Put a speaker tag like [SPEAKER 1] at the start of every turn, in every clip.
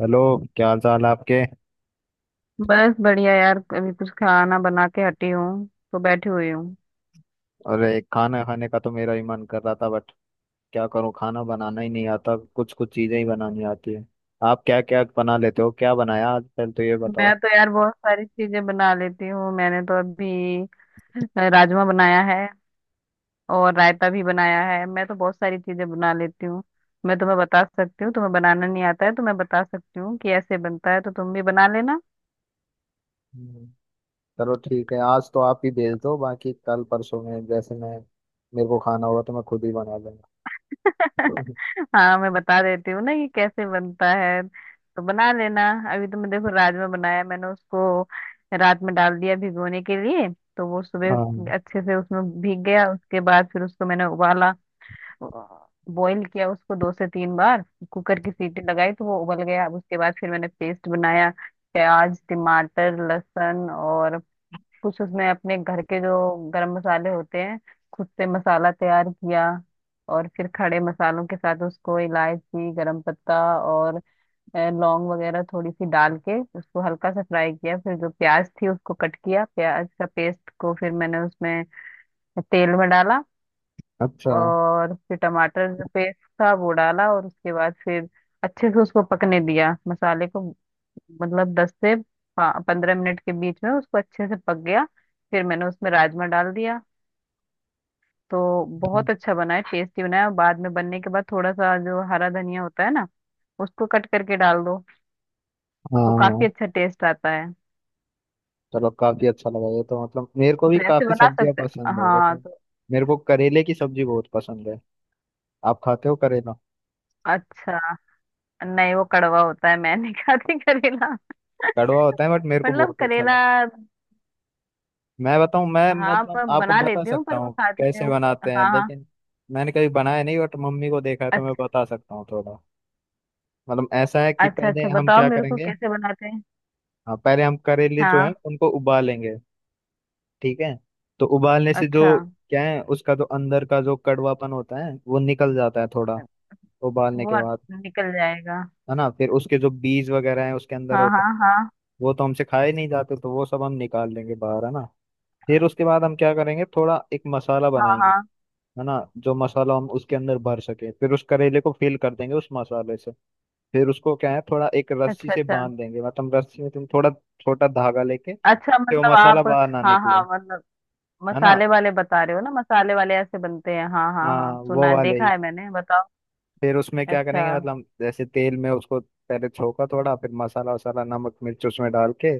[SPEAKER 1] Hello. क्या हाल चाल है आपके?
[SPEAKER 2] बस बढ़िया यार। अभी कुछ खाना बना के हटी हूँ तो बैठी हुई हूँ।
[SPEAKER 1] अरे, खाना खाने का तो मेरा ही मन कर रहा था बट क्या करूं, खाना बनाना ही नहीं आता, कुछ कुछ चीजें ही बनानी आती है। आप क्या क्या बना लेते हो? क्या बनाया आज पहले तो ये
[SPEAKER 2] मैं
[SPEAKER 1] बताओ।
[SPEAKER 2] तो यार बहुत सारी चीजें बना लेती हूँ। मैंने तो अभी राजमा बनाया है और रायता भी बनाया है। मैं तो बहुत सारी चीजें बना लेती हूँ। मैं तुम्हें बता सकती हूँ, तुम्हें बनाना नहीं आता है तो मैं बता सकती हूँ कि ऐसे बनता है, तो तुम भी बना लेना।
[SPEAKER 1] हम्म, चलो ठीक है, आज तो आप ही भेज दो, बाकी कल परसों में जैसे मैं मेरे को खाना होगा तो मैं खुद ही बना लूंगा।
[SPEAKER 2] हाँ, मैं बता देती हूँ ना कि कैसे बनता है, तो बना लेना। अभी तो मैं देखो राजमा बनाया, मैंने उसको रात में डाल दिया भिगोने के लिए। तो वो सुबह
[SPEAKER 1] हाँ।
[SPEAKER 2] अच्छे से उसमें भीग गया। उसके बाद फिर उसको मैंने उबाला, बॉईल किया उसको 2 से 3 बार। कुकर की सीटी लगाई तो वो उबल गया। अब उसके बाद फिर मैंने पेस्ट बनाया, प्याज टमाटर लहसुन, और कुछ उसमें अपने घर के जो गरम मसाले होते हैं, खुद से मसाला तैयार किया। और फिर खड़े मसालों के साथ उसको इलायची गरम पत्ता और लौंग वगैरह थोड़ी सी डाल के उसको हल्का सा फ्राई किया। फिर जो प्याज थी उसको कट किया, प्याज का पेस्ट को फिर मैंने उसमें तेल में डाला।
[SPEAKER 1] अच्छा।
[SPEAKER 2] और फिर टमाटर जो पेस्ट था वो डाला। और उसके बाद फिर अच्छे से उसको पकने दिया मसाले को, मतलब 10 से 15 मिनट के बीच में उसको अच्छे से पक गया। फिर मैंने उसमें राजमा डाल दिया। तो बहुत अच्छा बना है, टेस्टी बना है। और बाद में बनने के बाद थोड़ा सा जो हरा धनिया होता है ना, उसको कट करके डाल दो, तो काफी
[SPEAKER 1] हाँ,
[SPEAKER 2] अच्छा टेस्ट आता है।
[SPEAKER 1] चलो, काफी अच्छा लगा ये तो। मतलब मेरे को भी
[SPEAKER 2] तो ऐसे
[SPEAKER 1] काफी
[SPEAKER 2] बना
[SPEAKER 1] सब्जियां
[SPEAKER 2] सकते।
[SPEAKER 1] पसंद है
[SPEAKER 2] हाँ
[SPEAKER 1] वैसे।
[SPEAKER 2] तो।
[SPEAKER 1] मेरे को करेले की सब्जी बहुत पसंद है। आप खाते हो करेला?
[SPEAKER 2] अच्छा। नहीं, वो कड़वा होता है, मैं नहीं खाती करेला।
[SPEAKER 1] कड़वा होता है बट मेरे को
[SPEAKER 2] मतलब
[SPEAKER 1] बहुत अच्छा लगता
[SPEAKER 2] करेला
[SPEAKER 1] है। मैं
[SPEAKER 2] हाँ
[SPEAKER 1] मतलब
[SPEAKER 2] मैं
[SPEAKER 1] आपको
[SPEAKER 2] बना
[SPEAKER 1] बता
[SPEAKER 2] लेती हूँ,
[SPEAKER 1] सकता
[SPEAKER 2] पर वो
[SPEAKER 1] हूँ
[SPEAKER 2] खाती नहीं
[SPEAKER 1] कैसे
[SPEAKER 2] हूँ।
[SPEAKER 1] बनाते हैं,
[SPEAKER 2] हाँ हाँ।
[SPEAKER 1] लेकिन मैंने कभी बनाया नहीं बट मम्मी को देखा है तो मैं
[SPEAKER 2] अच्छा
[SPEAKER 1] बता सकता हूँ थोड़ा। मतलब ऐसा है कि
[SPEAKER 2] अच्छा।
[SPEAKER 1] पहले
[SPEAKER 2] अच्छा
[SPEAKER 1] हम
[SPEAKER 2] बताओ
[SPEAKER 1] क्या
[SPEAKER 2] मेरे को
[SPEAKER 1] करेंगे।
[SPEAKER 2] कैसे बनाते हैं।
[SPEAKER 1] हाँ, पहले हम करेले जो है
[SPEAKER 2] हाँ।
[SPEAKER 1] उनको उबालेंगे। ठीक है। तो उबालने से जो
[SPEAKER 2] अच्छा।
[SPEAKER 1] क्या है, उसका जो अंदर का जो कड़वापन होता है वो निकल जाता है थोड़ा, उबालने के
[SPEAKER 2] वो
[SPEAKER 1] बाद,
[SPEAKER 2] निकल जाएगा।
[SPEAKER 1] है ना? फिर उसके जो बीज वगैरह है उसके अंदर
[SPEAKER 2] हाँ
[SPEAKER 1] होते
[SPEAKER 2] हाँ
[SPEAKER 1] हैं,
[SPEAKER 2] हाँ।
[SPEAKER 1] वो तो हमसे खाए नहीं जाते, तो वो सब हम निकाल लेंगे बाहर, है ना? फिर उसके बाद हम क्या करेंगे, थोड़ा एक मसाला
[SPEAKER 2] हाँ
[SPEAKER 1] बनाएंगे,
[SPEAKER 2] हाँ।
[SPEAKER 1] है ना? जो मसाला हम उसके अंदर भर सके, फिर उस करेले को फिल कर देंगे उस मसाले से। फिर उसको क्या है, थोड़ा एक रस्सी
[SPEAKER 2] अच्छा
[SPEAKER 1] से
[SPEAKER 2] अच्छा।
[SPEAKER 1] बांध देंगे, मतलब रस्सी में तुम थोड़ा छोटा धागा लेके,
[SPEAKER 2] अच्छा
[SPEAKER 1] फिर वो
[SPEAKER 2] मतलब
[SPEAKER 1] मसाला
[SPEAKER 2] आप।
[SPEAKER 1] बाहर ना
[SPEAKER 2] हाँ
[SPEAKER 1] निकले,
[SPEAKER 2] हाँ मतलब
[SPEAKER 1] है ना?
[SPEAKER 2] मसाले वाले बता रहे हो ना, मसाले वाले ऐसे बनते हैं, हाँ हाँ
[SPEAKER 1] हाँ,
[SPEAKER 2] हाँ, सुना
[SPEAKER 1] वो
[SPEAKER 2] है,
[SPEAKER 1] वाले
[SPEAKER 2] देखा
[SPEAKER 1] ही।
[SPEAKER 2] है मैंने, बताओ।
[SPEAKER 1] फिर उसमें क्या
[SPEAKER 2] अच्छा।
[SPEAKER 1] करेंगे, मतलब जैसे तेल में उसको पहले छोका थोड़ा, फिर मसाला वसाला नमक मिर्च उसमें डाल के,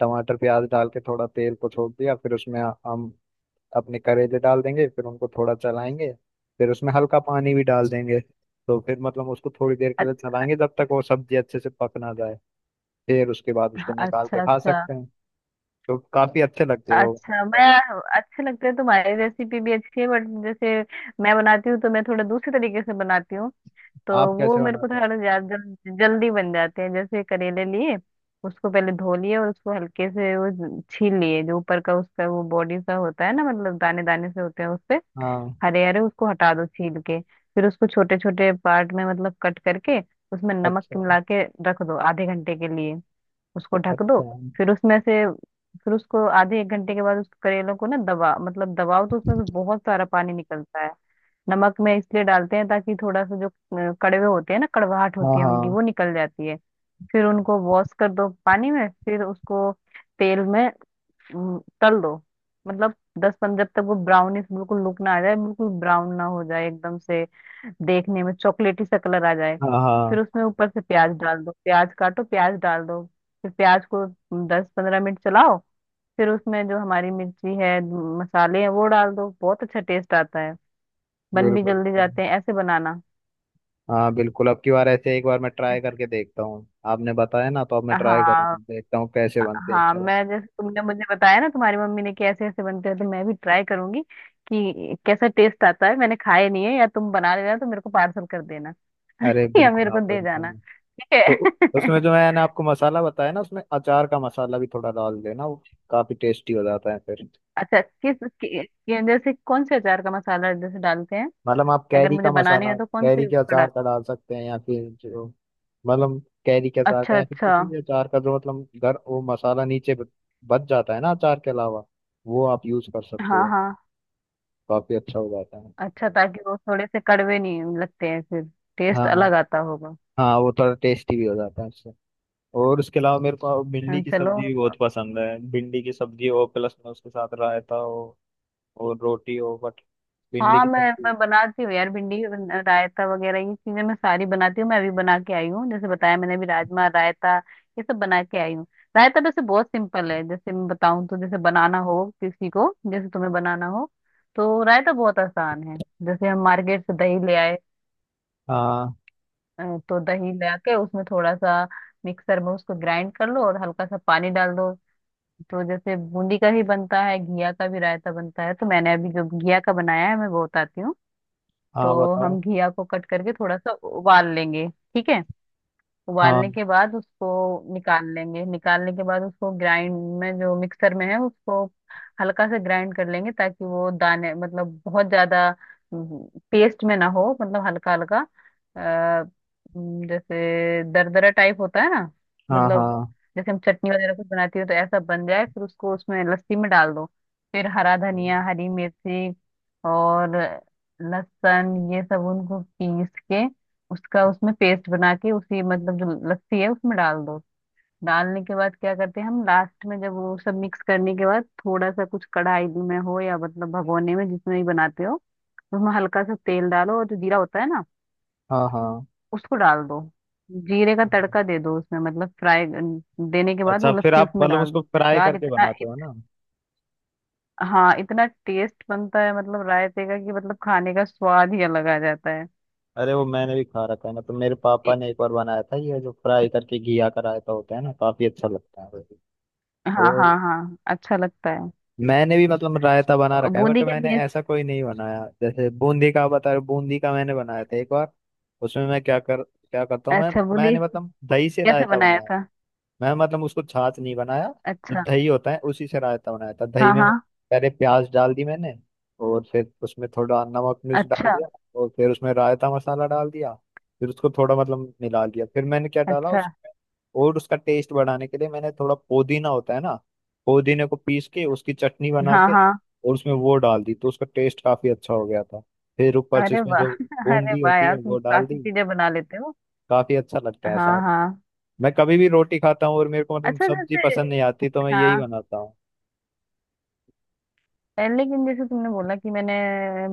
[SPEAKER 1] टमाटर प्याज डाल के थोड़ा तेल को छोड़ दिया, फिर उसमें हम अपने करेले डाल देंगे, फिर उनको थोड़ा चलाएंगे, फिर उसमें हल्का पानी भी डाल देंगे। तो फिर मतलब उसको थोड़ी देर के
[SPEAKER 2] अ-
[SPEAKER 1] लिए चलाएंगे जब तक वो सब्जी अच्छे से पक ना जाए, फिर उसके बाद उसको निकाल के
[SPEAKER 2] अच्छा
[SPEAKER 1] खा
[SPEAKER 2] अच्छा।
[SPEAKER 1] सकते हैं। तो काफी अच्छे लगते हैं वो
[SPEAKER 2] अच्छा मैं।
[SPEAKER 1] करेले।
[SPEAKER 2] अच्छे लगते हैं, तुम्हारी रेसिपी भी अच्छी है, बट जैसे मैं बनाती हूँ तो मैं थोड़ा दूसरे तरीके से बनाती हूँ। तो
[SPEAKER 1] आप
[SPEAKER 2] वो
[SPEAKER 1] कैसे
[SPEAKER 2] मेरे को
[SPEAKER 1] बनाते हो?
[SPEAKER 2] थोड़ा ज्यादा जल्दी बन जाते हैं। जैसे करेले लिए उसको पहले धो लिए, और उसको हल्के से वो छील लिए। जो ऊपर का उसका वो बॉडी सा होता है ना, मतलब दाने दाने से होते हैं उससे,
[SPEAKER 1] हाँ।
[SPEAKER 2] हरे हरे, उसको हटा दो छील के। फिर उसको छोटे छोटे पार्ट में मतलब कट करके उसमें नमक
[SPEAKER 1] अच्छा,
[SPEAKER 2] मिला के रख दो आधे घंटे के लिए, उसको ढक दो।
[SPEAKER 1] अच्छा।
[SPEAKER 2] फिर उसमें से, फिर उसको आधे एक घंटे के बाद उस करेलों को ना दबा, मतलब दबाओ तो उसमें से बहुत सारा पानी निकलता है। नमक में इसलिए डालते हैं ताकि थोड़ा सा जो कड़वे होते हैं ना, कड़वाहट
[SPEAKER 1] हाँ,
[SPEAKER 2] होती है उनकी,
[SPEAKER 1] हाँ,
[SPEAKER 2] वो निकल जाती है। फिर उनको वॉश कर दो पानी में, फिर उसको तेल में तल दो, मतलब 10 15, जब तक वो ब्राउनिश बिल्कुल लुक ना आ जाए, बिल्कुल ब्राउन ना हो जाए एकदम से, देखने में चॉकलेटी सा कलर आ जाए।
[SPEAKER 1] हाँ,
[SPEAKER 2] फिर
[SPEAKER 1] हाँ,
[SPEAKER 2] उसमें ऊपर से प्याज डाल दो, प्याज काटो, प्याज डाल दो। फिर प्याज को 10 15 मिनट चलाओ। फिर उसमें जो हमारी मिर्ची है, मसाले हैं वो डाल दो, बहुत अच्छा टेस्ट आता है। बन भी
[SPEAKER 1] बिल्कुल बिल्कुल।
[SPEAKER 2] जल्दी जाते हैं ऐसे बनाना।
[SPEAKER 1] हाँ बिल्कुल, अब की बार ऐसे एक बार मैं ट्राई करके देखता हूँ। आपने बताया ना, तो अब मैं ट्राई करूँगा,
[SPEAKER 2] हाँ।
[SPEAKER 1] देखता हूँ कैसे बनते हैं इस
[SPEAKER 2] हाँ
[SPEAKER 1] तरह
[SPEAKER 2] मैं,
[SPEAKER 1] से।
[SPEAKER 2] जैसे तुमने मुझे बताया ना तुम्हारी मम्मी ने कि ऐसे ऐसे बनते हैं, तो मैं भी ट्राई करूंगी कि कैसा टेस्ट आता है। मैंने खाए नहीं है। या तुम बना लेना तो मेरे को पार्सल कर देना।
[SPEAKER 1] अरे
[SPEAKER 2] या
[SPEAKER 1] बिल्कुल,
[SPEAKER 2] मेरे को
[SPEAKER 1] आप
[SPEAKER 2] दे
[SPEAKER 1] वही तो।
[SPEAKER 2] जाना, ठीक
[SPEAKER 1] तो
[SPEAKER 2] है।
[SPEAKER 1] उसमें जो मैंने आपको मसाला बताया ना, उसमें अचार का मसाला भी थोड़ा डाल देना, वो काफी टेस्टी हो जाता है फिर।
[SPEAKER 2] अच्छा किस, जैसे कौन से अचार का मसाला जैसे डालते हैं,
[SPEAKER 1] मतलब आप
[SPEAKER 2] अगर
[SPEAKER 1] कैरी का
[SPEAKER 2] मुझे बनाने
[SPEAKER 1] मसाला,
[SPEAKER 2] हैं तो कौन
[SPEAKER 1] कैरी
[SPEAKER 2] से
[SPEAKER 1] के
[SPEAKER 2] उसका
[SPEAKER 1] अचार
[SPEAKER 2] डाल।
[SPEAKER 1] का डाल सकते हैं, या फिर जो मतलब कैरी के अचार का
[SPEAKER 2] अच्छा
[SPEAKER 1] या फिर
[SPEAKER 2] अच्छा।
[SPEAKER 1] किसी भी अचार का जो मतलब घर वो मसाला नीचे बच जाता है ना अचार के अलावा, वो आप यूज कर सकते
[SPEAKER 2] हाँ
[SPEAKER 1] हो,
[SPEAKER 2] हाँ।
[SPEAKER 1] काफी अच्छा हो जाता है।
[SPEAKER 2] अच्छा ताकि वो थोड़े से कड़वे नहीं लगते हैं फिर, टेस्ट
[SPEAKER 1] हाँ,
[SPEAKER 2] अलग आता होगा।
[SPEAKER 1] हाँ, वो थोड़ा टेस्टी भी हो जाता है उससे। और उसके अलावा मेरे को भिंडी
[SPEAKER 2] हाँ,
[SPEAKER 1] की
[SPEAKER 2] चलो।
[SPEAKER 1] सब्जी भी बहुत पसंद है, भिंडी की सब्जी हो, प्लस में उसके साथ रायता हो और रोटी हो बट भिंडी
[SPEAKER 2] हाँ
[SPEAKER 1] की
[SPEAKER 2] मैं,
[SPEAKER 1] सब्जी।
[SPEAKER 2] बनाती हूँ यार। भिंडी का रायता वगैरह ये चीजें मैं सारी बनाती हूँ, मैं अभी बना के आई हूँ, जैसे बताया मैंने अभी राजमा रायता ये सब बना के आई हूँ। रायता वैसे बहुत सिंपल है, जैसे मैं बताऊँ तो, जैसे बनाना हो किसी को, जैसे तुम्हें बनाना हो तो रायता बहुत आसान है। जैसे हम मार्केट से दही ले आए,
[SPEAKER 1] हाँ,
[SPEAKER 2] तो दही ले आके उसमें थोड़ा सा मिक्सर में उसको ग्राइंड कर लो और हल्का सा पानी डाल दो। तो जैसे बूंदी का भी बनता है, घिया का भी रायता बनता है, तो मैंने अभी जो घिया का बनाया है मैं वो बताती हूँ।
[SPEAKER 1] हाँ,
[SPEAKER 2] तो
[SPEAKER 1] बताओ।
[SPEAKER 2] हम घिया को कट करके थोड़ा सा उबाल लेंगे, ठीक है।
[SPEAKER 1] हाँ,
[SPEAKER 2] उबालने के बाद उसको निकाल लेंगे, निकालने के बाद उसको ग्राइंड में, जो मिक्सर में है उसको हल्का से ग्राइंड कर लेंगे, ताकि वो दाने मतलब बहुत ज्यादा पेस्ट में ना हो, मतलब हल्का हल्का अ, जैसे दरदरा टाइप होता है ना,
[SPEAKER 1] हाँ,
[SPEAKER 2] मतलब
[SPEAKER 1] हाँ,
[SPEAKER 2] जैसे हम चटनी वगैरह कुछ बनाती हो तो ऐसा बन जाए। फिर उसको उसमें लस्सी में डाल दो। फिर हरा धनिया हरी मिर्ची और लहसुन ये सब उनको पीस के उसका उसमें पेस्ट बना के उसी मतलब जो लस्सी है उसमें डाल दो। डालने के बाद क्या करते हैं, हम लास्ट में जब वो सब मिक्स करने के बाद, थोड़ा सा कुछ कढ़ाई में हो या मतलब भगोने में, जिसमें भी बनाते हो उसमें हल्का सा तेल डालो, और जो जीरा होता है ना
[SPEAKER 1] हाँ, हाँ।
[SPEAKER 2] उसको डाल दो, जीरे का तड़का दे दो उसमें, मतलब फ्राई देने के बाद
[SPEAKER 1] अच्छा,
[SPEAKER 2] वो
[SPEAKER 1] फिर
[SPEAKER 2] लस्सी
[SPEAKER 1] आप
[SPEAKER 2] उसमें
[SPEAKER 1] मतलब
[SPEAKER 2] डाल
[SPEAKER 1] उसको
[SPEAKER 2] दो।
[SPEAKER 1] फ्राई
[SPEAKER 2] यार
[SPEAKER 1] करके बनाते हो ना?
[SPEAKER 2] हाँ इतना टेस्ट बनता है मतलब रायते का, कि मतलब खाने का स्वाद ही अलग आ जाता है।
[SPEAKER 1] अरे, वो मैंने भी खा रखा है ना, तो मेरे पापा
[SPEAKER 2] इ-
[SPEAKER 1] ने एक बार बनाया था ये जो फ्राई करके घिया का रायता होता है ना, काफी अच्छा लगता है वो भी।
[SPEAKER 2] हाँ हाँ
[SPEAKER 1] और
[SPEAKER 2] हाँ अच्छा लगता है।
[SPEAKER 1] मैंने भी मतलब रायता बना रखा है बट
[SPEAKER 2] बूंदी का
[SPEAKER 1] मैंने
[SPEAKER 2] भी।
[SPEAKER 1] ऐसा कोई नहीं बनाया जैसे बूंदी का आप बता रहे हो, बूंदी का मैंने बनाया था एक बार। उसमें मैं क्या करता हूँ, मैं
[SPEAKER 2] अच्छा बूंदी
[SPEAKER 1] मैंने मतलब दही से
[SPEAKER 2] कैसे
[SPEAKER 1] रायता
[SPEAKER 2] बनाया
[SPEAKER 1] बनाया,
[SPEAKER 2] था।
[SPEAKER 1] मैं मतलब उसको छाछ नहीं बनाया, जो
[SPEAKER 2] अच्छा।
[SPEAKER 1] दही होता है उसी से रायता बनाया था। दही
[SPEAKER 2] हाँ
[SPEAKER 1] में
[SPEAKER 2] हाँ।
[SPEAKER 1] पहले प्याज डाल दी मैंने, और फिर उसमें थोड़ा नमक मिर्च डाल
[SPEAKER 2] अच्छा
[SPEAKER 1] दिया, और फिर उसमें रायता मसाला डाल दिया, फिर उसको थोड़ा मतलब मिला लिया, फिर मैंने क्या डाला
[SPEAKER 2] अच्छा।
[SPEAKER 1] उसमें, और उसका टेस्ट बढ़ाने के लिए मैंने, थोड़ा पुदीना होता है ना, पुदीने को पीस के उसकी चटनी बना
[SPEAKER 2] हाँ
[SPEAKER 1] के
[SPEAKER 2] हाँ।
[SPEAKER 1] और उसमें वो डाल दी, तो उसका टेस्ट काफी अच्छा हो गया था। फिर ऊपर से
[SPEAKER 2] अरे
[SPEAKER 1] इसमें
[SPEAKER 2] वाह।
[SPEAKER 1] जो
[SPEAKER 2] अरे
[SPEAKER 1] बूंदी
[SPEAKER 2] वाह
[SPEAKER 1] होती है
[SPEAKER 2] यार, तुम
[SPEAKER 1] वो डाल
[SPEAKER 2] काफी
[SPEAKER 1] दी,
[SPEAKER 2] चीजें बना लेते हो।
[SPEAKER 1] काफी अच्छा लगता है
[SPEAKER 2] हाँ
[SPEAKER 1] ऐसा।
[SPEAKER 2] हाँ।
[SPEAKER 1] मैं कभी भी रोटी खाता हूँ और मेरे को मतलब
[SPEAKER 2] अच्छा
[SPEAKER 1] सब्जी
[SPEAKER 2] जैसे,
[SPEAKER 1] पसंद नहीं आती तो मैं यही
[SPEAKER 2] हाँ
[SPEAKER 1] बनाता हूँ।
[SPEAKER 2] लेकिन जैसे तुमने बोला कि मैंने,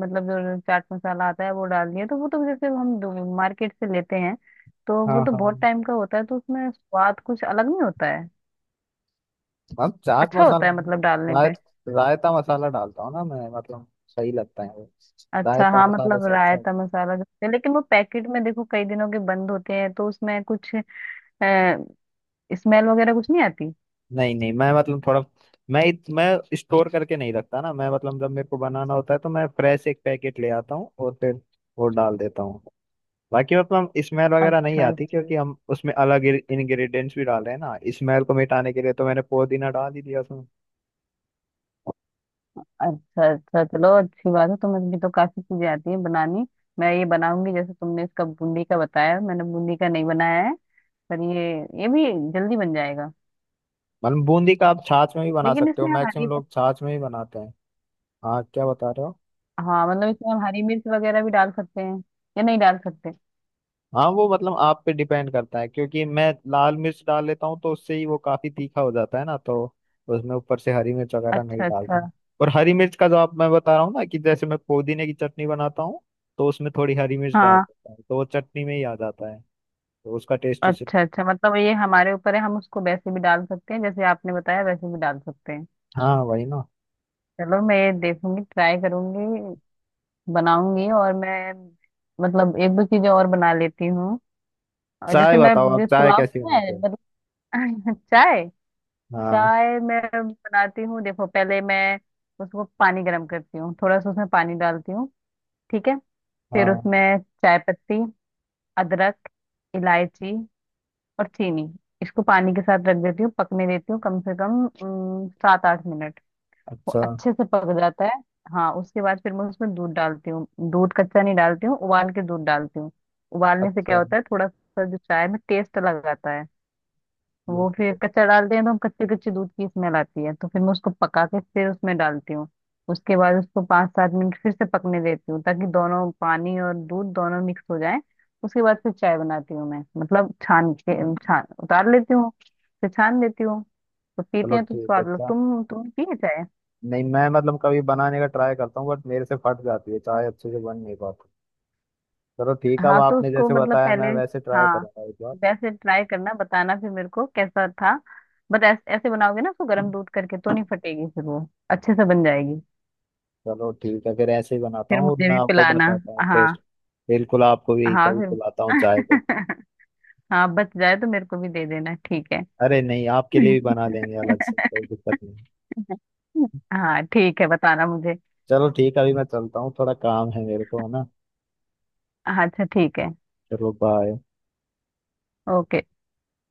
[SPEAKER 2] मतलब जो चाट मसाला आता है वो डाल दिया, तो वो तो जैसे हम मार्केट से लेते हैं तो वो
[SPEAKER 1] हाँ,
[SPEAKER 2] तो बहुत
[SPEAKER 1] हाँ।
[SPEAKER 2] टाइम का होता है, तो उसमें स्वाद कुछ अलग नहीं होता है।
[SPEAKER 1] हम चाट
[SPEAKER 2] अच्छा होता
[SPEAKER 1] मसाला
[SPEAKER 2] है
[SPEAKER 1] नहीं,
[SPEAKER 2] मतलब डालने
[SPEAKER 1] राय
[SPEAKER 2] पे।
[SPEAKER 1] रायता मसाला डालता हूँ ना मैं, मतलब सही लगता है वो,
[SPEAKER 2] अच्छा
[SPEAKER 1] रायता
[SPEAKER 2] हाँ
[SPEAKER 1] मसाले
[SPEAKER 2] मतलब
[SPEAKER 1] से अच्छा है।
[SPEAKER 2] रायता मसाला जो होते हैं, लेकिन वो पैकेट में देखो कई दिनों के बंद होते हैं, तो उसमें कुछ स्मेल वगैरह कुछ नहीं आती।
[SPEAKER 1] नहीं, नहीं, मैं मतलब थोड़ा, मैं स्टोर करके नहीं रखता ना, मैं मतलब जब मेरे को बनाना होता है तो मैं फ्रेश एक पैकेट ले आता हूँ और फिर वो डाल देता हूँ, बाकी मतलब स्मेल वगैरह नहीं
[SPEAKER 2] अच्छा।
[SPEAKER 1] आती क्योंकि हम उसमें अलग इंग्रेडिएंट्स भी डाल रहे हैं ना स्मेल को मिटाने के लिए, तो मैंने पुदीना डाल ही दिया उसमें।
[SPEAKER 2] अच्छा। अच्छा चलो, अच्छी बात है, तुम्हें भी तो काफी चीजें आती हैं बनानी। मैं ये बनाऊंगी जैसे तुमने इसका बूंदी का बताया, मैंने बूंदी का नहीं बनाया है, पर ये भी जल्दी बन जाएगा।
[SPEAKER 1] मतलब बूंदी का आप छाछ में भी बना
[SPEAKER 2] लेकिन
[SPEAKER 1] सकते हो,
[SPEAKER 2] इसमें हम
[SPEAKER 1] मैक्सिमम
[SPEAKER 2] हरी,
[SPEAKER 1] लोग छाछ में ही बनाते हैं। हाँ, क्या बता रहे हो?
[SPEAKER 2] हाँ मतलब इसमें हम हरी मिर्च वगैरह भी डाल सकते हैं या नहीं डाल सकते।
[SPEAKER 1] हाँ, वो मतलब आप पे डिपेंड करता है, क्योंकि मैं लाल मिर्च डाल लेता हूँ तो उससे ही वो काफी तीखा हो जाता है ना, तो उसमें ऊपर से हरी मिर्च वगैरह नहीं
[SPEAKER 2] अच्छा
[SPEAKER 1] डालता
[SPEAKER 2] अच्छा।
[SPEAKER 1] हूँ। और हरी मिर्च का जो आप, मैं बता रहा हूँ ना कि जैसे मैं पुदीने की चटनी बनाता हूँ तो उसमें थोड़ी हरी मिर्च डाल
[SPEAKER 2] हाँ।
[SPEAKER 1] देता हूँ तो वो चटनी में ही आ जाता है, तो उसका टेस्ट उसे।
[SPEAKER 2] अच्छा अच्छा मतलब ये हमारे ऊपर है, हम उसको वैसे भी डाल सकते हैं जैसे आपने बताया, वैसे भी डाल सकते हैं।
[SPEAKER 1] हाँ वही ना।
[SPEAKER 2] चलो मैं ये देखूंगी, ट्राई करूंगी, बनाऊंगी। और मैं मतलब एक दो चीजें और बना लेती हूँ। और
[SPEAKER 1] चाय
[SPEAKER 2] जैसे मैं
[SPEAKER 1] बताओ, आप
[SPEAKER 2] जैसे
[SPEAKER 1] चाय
[SPEAKER 2] पुलाव
[SPEAKER 1] कैसी
[SPEAKER 2] है
[SPEAKER 1] बनाते हो?
[SPEAKER 2] मतलब। चाय।
[SPEAKER 1] हाँ,
[SPEAKER 2] चाय मैं बनाती हूँ देखो। पहले मैं उसको पानी गर्म करती हूँ, थोड़ा सा उसमें पानी डालती हूँ, ठीक है। फिर
[SPEAKER 1] हाँ।
[SPEAKER 2] उसमें चाय पत्ती, अदरक, इलायची और चीनी, इसको पानी के साथ रख देती हूँ, पकने देती हूँ कम से कम 7 8 मिनट। वो
[SPEAKER 1] अच्छा,
[SPEAKER 2] अच्छे से पक जाता है हाँ। उसके बाद फिर मैं उसमें दूध डालती हूँ। दूध कच्चा नहीं डालती हूँ, उबाल के दूध डालती हूँ। उबालने से क्या
[SPEAKER 1] अच्छा।
[SPEAKER 2] होता है, थोड़ा सा जो चाय में टेस्ट लगाता है। वो फिर
[SPEAKER 1] बिल्कुल।
[SPEAKER 2] कच्चा डालते हैं तो हम, कच्चे कच्चे दूध की स्मेल आती है, तो फिर मैं उसको पका के फिर उसमें डालती हूँ। उसके बाद उसको 5 7 मिनट फिर से पकने देती हूँ ताकि दोनों पानी और दूध दोनों मिक्स हो जाए। उसके बाद फिर चाय बनाती हूँ मैं, मतलब छान के छान उतार लेती हूँ, फिर छान लेती हूँ। तो पीते
[SPEAKER 1] चलो
[SPEAKER 2] हैं तो
[SPEAKER 1] ठीक
[SPEAKER 2] स्वाद लो,
[SPEAKER 1] है,
[SPEAKER 2] तुम पिए चाय।
[SPEAKER 1] नहीं मैं मतलब कभी बनाने का ट्राई करता हूँ बट मेरे से फट जाती है चाय, अच्छे से बन नहीं पाती। चलो ठीक है, अब
[SPEAKER 2] हाँ तो
[SPEAKER 1] आपने
[SPEAKER 2] उसको
[SPEAKER 1] जैसे
[SPEAKER 2] मतलब
[SPEAKER 1] बताया
[SPEAKER 2] पहले,
[SPEAKER 1] मैं वैसे ट्राई
[SPEAKER 2] हाँ
[SPEAKER 1] करूंगा एक बार।
[SPEAKER 2] वैसे ट्राई करना, बताना फिर मेरे को कैसा था। बट ऐसे बनाओगे ना उसको गर्म दूध करके तो नहीं फटेगी फिर वो, अच्छे से बन जाएगी।
[SPEAKER 1] चलो ठीक है, फिर ऐसे ही बनाता
[SPEAKER 2] फिर
[SPEAKER 1] हूँ और
[SPEAKER 2] मुझे
[SPEAKER 1] मैं
[SPEAKER 2] भी
[SPEAKER 1] आपको
[SPEAKER 2] पिलाना।
[SPEAKER 1] बताता हूँ
[SPEAKER 2] हाँ
[SPEAKER 1] टेस्ट। बिल्कुल, आपको भी
[SPEAKER 2] हाँ
[SPEAKER 1] कभी
[SPEAKER 2] फिर।
[SPEAKER 1] पिलाता हूँ चाय तो।
[SPEAKER 2] हाँ बच जाए तो मेरे को भी दे देना, ठीक है।
[SPEAKER 1] अरे नहीं, आपके लिए भी बना लेंगे अलग से, कोई दिक्कत नहीं।
[SPEAKER 2] हाँ ठीक है, बताना मुझे।
[SPEAKER 1] चलो ठीक है, अभी मैं चलता हूँ, थोड़ा काम है मेरे को, है ना?
[SPEAKER 2] हाँ, अच्छा ठीक है।
[SPEAKER 1] चलो बाय।
[SPEAKER 2] ओके।